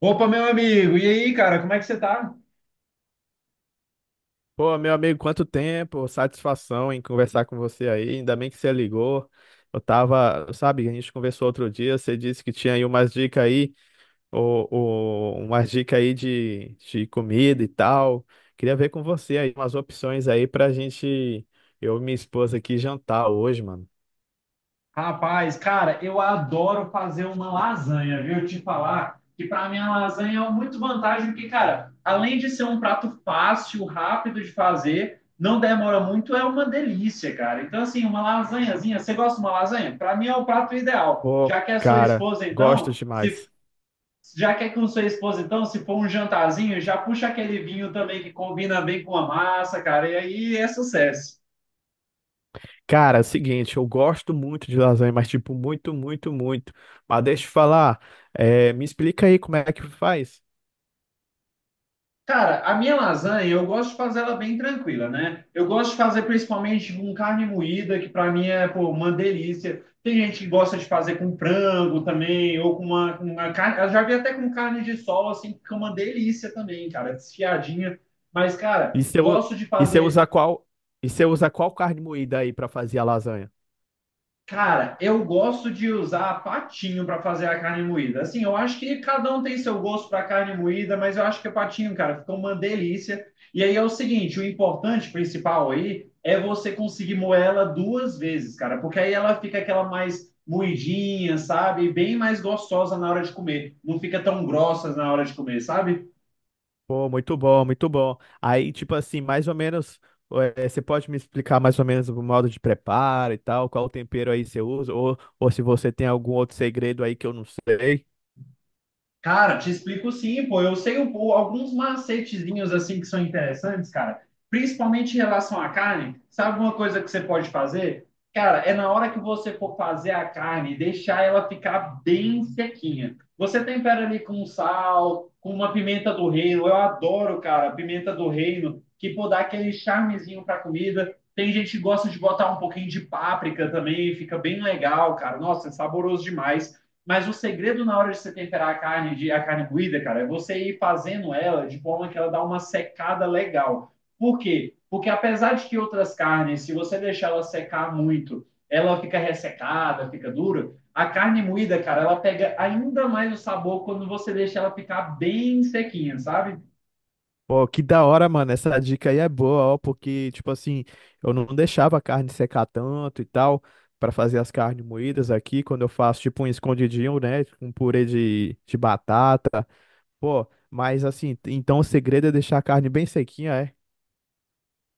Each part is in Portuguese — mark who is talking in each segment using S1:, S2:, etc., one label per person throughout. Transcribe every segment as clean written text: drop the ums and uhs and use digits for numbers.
S1: Opa, meu amigo, e aí, cara, como é que você tá?
S2: Pô, meu amigo, quanto tempo, satisfação em conversar com você aí. Ainda bem que você ligou. Eu tava, sabe, a gente conversou outro dia, você disse que tinha aí umas dicas aí, ou umas dicas aí de comida e tal. Queria ver com você aí umas opções aí pra gente, eu e minha esposa aqui jantar hoje, mano.
S1: Rapaz, cara, eu adoro fazer uma lasanha, viu? Eu te falar que para mim a lasanha é muito vantagem, porque, cara, além de ser um prato fácil, rápido de fazer, não demora muito, é uma delícia, cara. Então, assim, uma lasanhazinha, você gosta de uma lasanha? Para mim é o prato ideal.
S2: Pô, cara, gosto demais.
S1: Já que é com sua esposa, então, se for um jantarzinho, já puxa aquele vinho também que combina bem com a massa, cara, e aí é sucesso.
S2: Cara, é o seguinte, eu gosto muito de lasanha, mas tipo, muito, muito, muito. Mas deixa eu falar, é, me explica aí como é que faz.
S1: Cara, a minha lasanha, eu gosto de fazer ela bem tranquila, né? Eu gosto de fazer principalmente com carne moída, que para mim é, pô, uma delícia. Tem gente que gosta de fazer com frango também, ou com uma carne. Eu já vi até com carne de sol, assim, que fica uma delícia também, cara, desfiadinha. Mas, cara,
S2: E você, u-
S1: gosto de
S2: e você
S1: fazer.
S2: usa e você usa qual carne moída aí pra fazer a lasanha?
S1: Cara, eu gosto de usar patinho para fazer a carne moída. Assim, eu acho que cada um tem seu gosto para carne moída, mas eu acho que o patinho, cara, ficou uma delícia. E aí é o seguinte, o importante principal aí é você conseguir moer ela duas vezes, cara, porque aí ela fica aquela mais moidinha, sabe? Bem mais gostosa na hora de comer. Não fica tão grossa na hora de comer, sabe?
S2: Pô, muito bom, muito bom. Aí, tipo assim, mais ou menos, você pode me explicar mais ou menos o modo de preparo e tal, qual tempero aí você usa, ou se você tem algum outro segredo aí que eu não sei.
S1: Cara, te explico sim, pô. Eu sei um pou- Alguns macetezinhos assim que são interessantes, cara. Principalmente em relação à carne. Sabe uma coisa que você pode fazer? Cara, é na hora que você for fazer a carne, deixar ela ficar bem sequinha. Você tempera ali com sal, com uma pimenta do reino. Eu adoro, cara, pimenta do reino, que pô, dá aquele charmezinho pra comida. Tem gente que gosta de botar um pouquinho de páprica também, fica bem legal, cara. Nossa, é saboroso demais. Mas o segredo na hora de você temperar a carne, a carne moída, cara, é você ir fazendo ela de forma que ela dá uma secada legal. Por quê? Porque apesar de que outras carnes, se você deixar ela secar muito, ela fica ressecada, fica dura, a carne moída, cara, ela pega ainda mais o sabor quando você deixa ela ficar bem sequinha, sabe?
S2: Pô, que da hora, mano, essa dica aí é boa, ó, porque, tipo assim, eu não deixava a carne secar tanto e tal, pra fazer as carnes moídas aqui, quando eu faço, tipo, um escondidinho, né, um purê de batata. Pô, mas assim, t- Então o segredo é deixar a carne bem sequinha, é?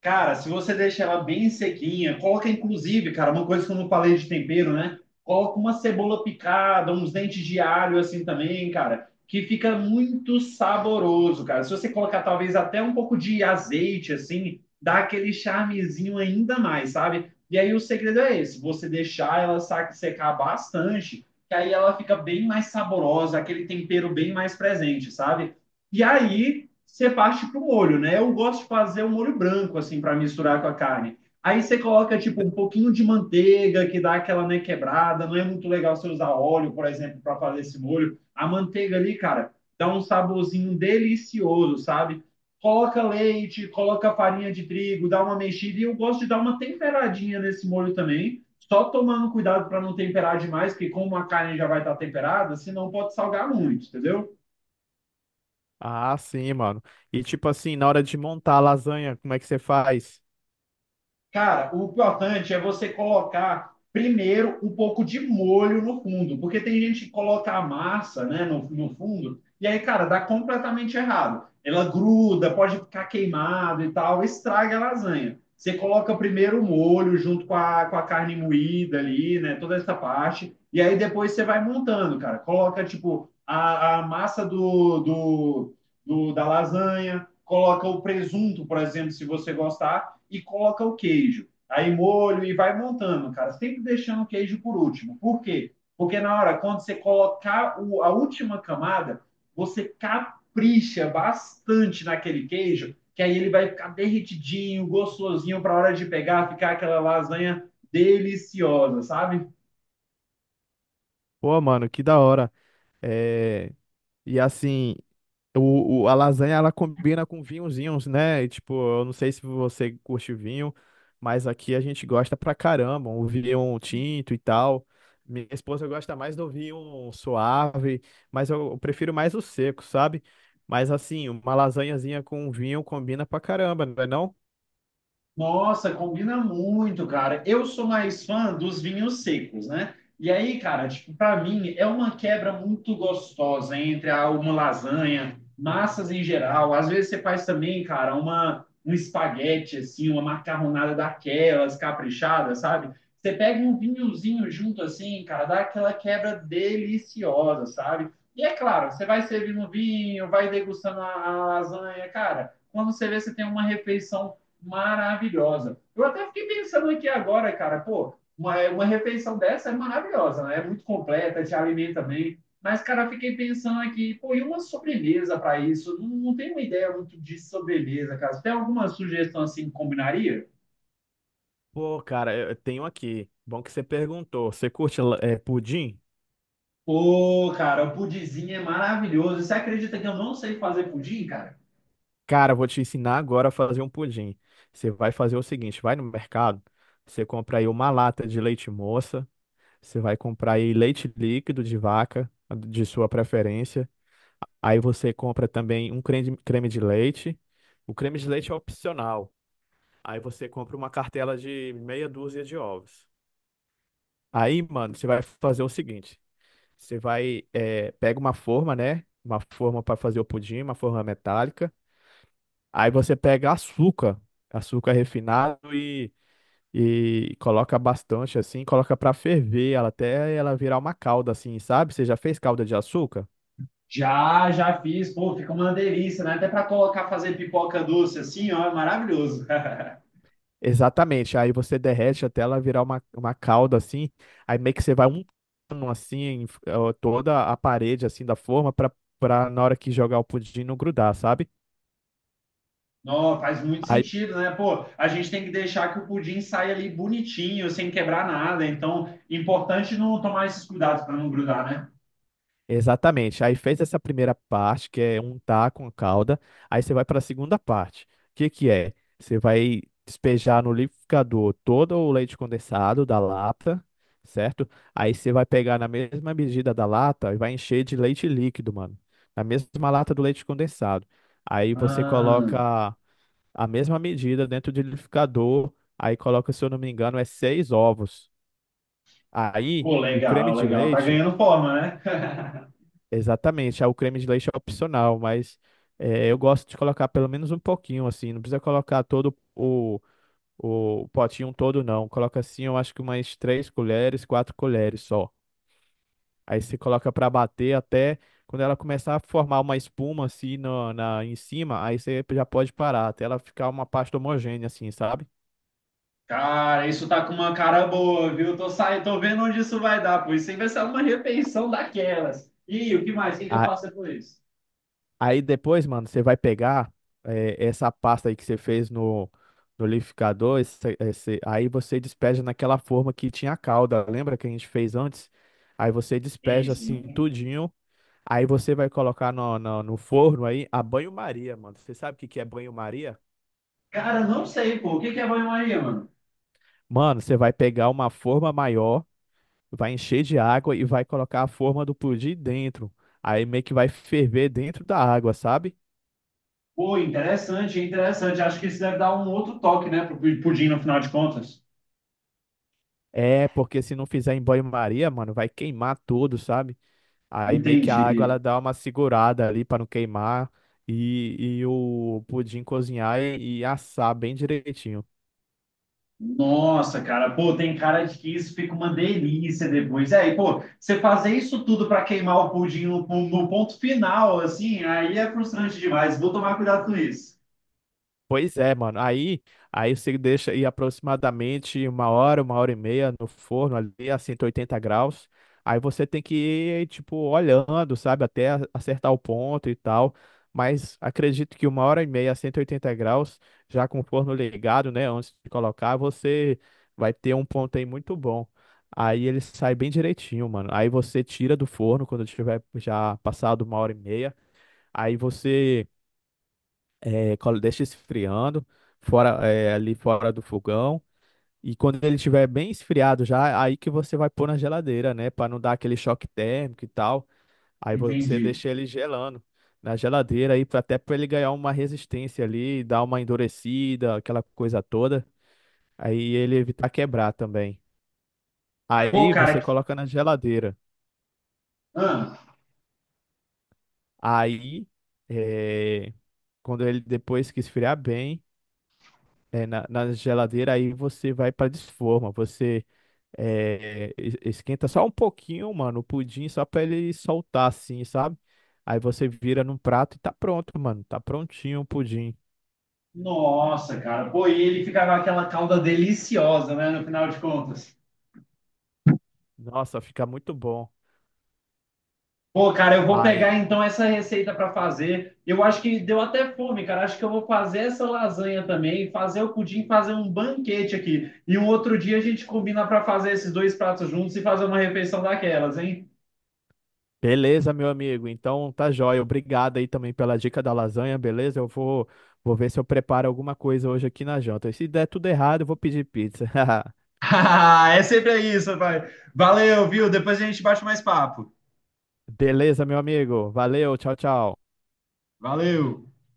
S1: Cara, se você deixa ela bem sequinha, coloca inclusive, cara, uma coisa que eu não falei de tempero, né? Coloca uma cebola picada, uns dentes de alho assim também, cara, que fica muito saboroso, cara. Se você colocar talvez até um pouco de azeite assim, dá aquele charmezinho ainda mais, sabe? E aí o segredo é esse, você deixar ela secar bastante, que aí ela fica bem mais saborosa, aquele tempero bem mais presente, sabe? E aí você parte para o molho, né? Eu gosto de fazer um molho branco, assim, para misturar com a carne. Aí você coloca, tipo, um pouquinho de manteiga, que dá aquela, né, quebrada. Não é muito legal você usar óleo, por exemplo, para fazer esse molho. A manteiga ali, cara, dá um saborzinho delicioso, sabe? Coloca leite, coloca farinha de trigo, dá uma mexida. E eu gosto de dar uma temperadinha nesse molho também. Só tomando cuidado para não temperar demais, porque como a carne já vai estar temperada, senão pode salgar muito, entendeu?
S2: Ah, sim, mano. E tipo assim, na hora de montar a lasanha, como é que você faz?
S1: Cara, o importante é você colocar primeiro um pouco de molho no fundo, porque tem gente que coloca a massa, né, no fundo, e aí, cara, dá completamente errado. Ela gruda, pode ficar queimado e tal, estraga a lasanha. Você coloca primeiro o molho junto com a carne moída ali, né, toda essa parte, e aí depois você vai montando, cara. Coloca, tipo, a massa da lasanha, coloca o presunto, por exemplo, se você gostar e coloca o queijo. Aí molho e vai montando, cara. Sempre deixando o queijo por último. Por quê? Porque na hora, quando você colocar a última camada, você capricha bastante naquele queijo, que aí ele vai ficar derretidinho, gostosinho, para a hora de pegar, ficar aquela lasanha deliciosa, sabe?
S2: Pô, mano, que da hora. É... E assim. A lasanha ela combina com vinhozinhos, né? E, tipo, eu não sei se você curte vinho, mas aqui a gente gosta pra caramba, o vinho tinto e tal. Minha esposa gosta mais do vinho suave, mas eu prefiro mais o seco, sabe? Mas assim, uma lasanhazinha com vinho combina pra caramba, não é não?
S1: Nossa, combina muito, cara. Eu sou mais fã dos vinhos secos, né? E aí, cara, tipo, para mim é uma quebra muito gostosa entre uma lasanha, massas em geral. Às vezes você faz também, cara, uma um espaguete assim, uma macarronada daquelas caprichada, sabe? Você pega um vinhozinho junto assim, cara, dá aquela quebra deliciosa, sabe? E é claro, você vai servindo vinho, vai degustando a lasanha, cara. Quando você vê, você tem uma refeição maravilhosa. Eu até fiquei pensando aqui agora, cara, pô, uma refeição dessa é maravilhosa, né? É muito completa, te alimenta bem. Mas, cara, fiquei pensando aqui, pô, e uma sobremesa para isso? Não, não tenho uma ideia muito de sobremesa, cara. Você tem alguma sugestão assim que combinaria?
S2: Pô, cara, eu tenho aqui. Bom que você perguntou. Você curte pudim?
S1: Pô, cara, o pudizinho é maravilhoso. Você acredita que eu não sei fazer pudim, cara?
S2: Cara, vou te ensinar agora a fazer um pudim. Você vai fazer o seguinte, vai no mercado, você compra aí uma lata de leite moça, você vai comprar aí leite líquido de vaca, de sua preferência. Aí você compra também um creme, creme de leite. O creme de leite é opcional. Aí você compra uma cartela de meia dúzia de ovos. Aí, mano, você vai fazer o seguinte, você vai, pega uma forma, né? Uma forma para fazer o pudim, uma forma metálica. Aí você pega açúcar, açúcar refinado e coloca bastante assim, coloca pra ferver ela até ela virar uma calda assim, sabe? Você já fez calda de açúcar?
S1: Já, já fiz, pô, fica uma delícia, né? Até para colocar, fazer pipoca doce assim, ó, é maravilhoso.
S2: Exatamente. Aí você derrete até ela virar uma calda assim. Aí meio que você vai untando assim toda a parede assim da forma pra para na hora que jogar o pudim não grudar, sabe?
S1: Não, faz muito
S2: Aí,
S1: sentido, né? Pô, a gente tem que deixar que o pudim saia ali bonitinho, sem quebrar nada. Então, importante não tomar esses cuidados para não grudar, né?
S2: exatamente. Aí fez essa primeira parte, que é untar com a calda. Aí você vai para a segunda parte. O que que é? Você vai despejar no liquidificador todo o leite condensado da lata, certo? Aí você vai pegar na mesma medida da lata e vai encher de leite líquido, mano. Na mesma lata do leite condensado. Aí você
S1: Ah,
S2: coloca a mesma medida dentro do liquidificador. Aí coloca, se eu não me engano, é seis ovos. Aí
S1: pô,
S2: o creme
S1: legal,
S2: de
S1: legal. Tá
S2: leite.
S1: ganhando forma, né?
S2: Exatamente. Ah, o creme de leite é opcional, mas eu gosto de colocar pelo menos um pouquinho, assim, não precisa colocar o potinho todo, não. Coloca assim, eu acho que umas três colheres, quatro colheres só. Aí você coloca para bater até quando ela começar a formar uma espuma assim no, na, em cima, aí você já pode parar, até ela ficar uma pasta homogênea, assim, sabe?
S1: Cara, isso tá com uma cara boa, viu? Tô saindo, tô vendo onde isso vai dar, pô. Isso aí vai ser uma repensão daquelas. E o que mais? O que que eu
S2: Ah,
S1: faço depois?
S2: aí depois, mano, você vai pegar essa pasta aí que você fez no liquidificador, aí você despeja naquela forma que tinha a calda, lembra que a gente fez antes? Aí você despeja
S1: Isso,
S2: assim
S1: hein?
S2: tudinho, aí você vai colocar no forno aí a banho-maria, mano. Você sabe o que que é banho-maria?
S1: Cara, não sei, pô. O que que é banho-maria, mano?
S2: Mano, você vai pegar uma forma maior, vai encher de água e vai colocar a forma do pudim dentro. Aí meio que vai ferver dentro da água, sabe?
S1: Pô, interessante, interessante. Acho que isso deve dar um outro toque, né, pro pudim no final de contas.
S2: É, porque se não fizer em banho-maria, mano, vai queimar tudo, sabe? Aí meio que a
S1: Entendi.
S2: água ela dá uma segurada ali pra não queimar e o pudim cozinhar e assar bem direitinho.
S1: Nossa, cara, pô, tem cara de que isso fica uma delícia depois. É, e, pô, você fazer isso tudo para queimar o pudim no, no ponto final, assim, aí é frustrante demais. Vou tomar cuidado com isso.
S2: Pois é, mano. Aí, aí você deixa ir aproximadamente uma hora e meia no forno ali a 180 graus. Aí você tem que ir, tipo, olhando, sabe, até acertar o ponto e tal. Mas acredito que uma hora e meia a 180 graus, já com o forno ligado, né, antes de colocar, você vai ter um ponto aí muito bom. Aí ele sai bem direitinho, mano. Aí você tira do forno quando tiver já passado uma hora e meia. Aí você é, deixa esfriando fora é, ali fora do fogão, e quando ele estiver bem esfriado já aí que você vai pôr na geladeira, né, para não dar aquele choque térmico e tal. Aí você
S1: Entendi.
S2: deixa ele gelando na geladeira aí até para ele ganhar uma resistência ali, dar uma endurecida, aquela coisa toda, aí ele evitar quebrar também.
S1: Pô,
S2: Aí
S1: cara,
S2: você
S1: que...
S2: coloca na geladeira,
S1: ah,
S2: aí é, quando ele depois que esfriar bem é, na geladeira, aí você vai para desforma você. É, esquenta só um pouquinho, mano, o pudim só pra ele soltar assim, sabe? Aí você vira num prato e tá pronto, mano. Tá prontinho o pudim.
S1: Nossa, cara, pô, e ele ficava aquela calda deliciosa, né, no final de contas.
S2: Nossa, fica muito bom.
S1: Pô, cara, eu vou pegar
S2: Aí,
S1: então essa receita para fazer. Eu acho que deu até fome, cara. Acho que eu vou fazer essa lasanha também, fazer o pudim, fazer um banquete aqui. E um outro dia a gente combina para fazer esses dois pratos juntos e fazer uma refeição daquelas, hein?
S2: beleza, meu amigo. Então tá jóia. Obrigado aí também pela dica da lasanha, beleza? Eu vou, vou ver se eu preparo alguma coisa hoje aqui na janta. E se der tudo errado, eu vou pedir pizza.
S1: Ah, é sempre isso, pai. Valeu, viu? Depois a gente bate mais papo.
S2: Beleza, meu amigo. Valeu, tchau, tchau.
S1: Valeu.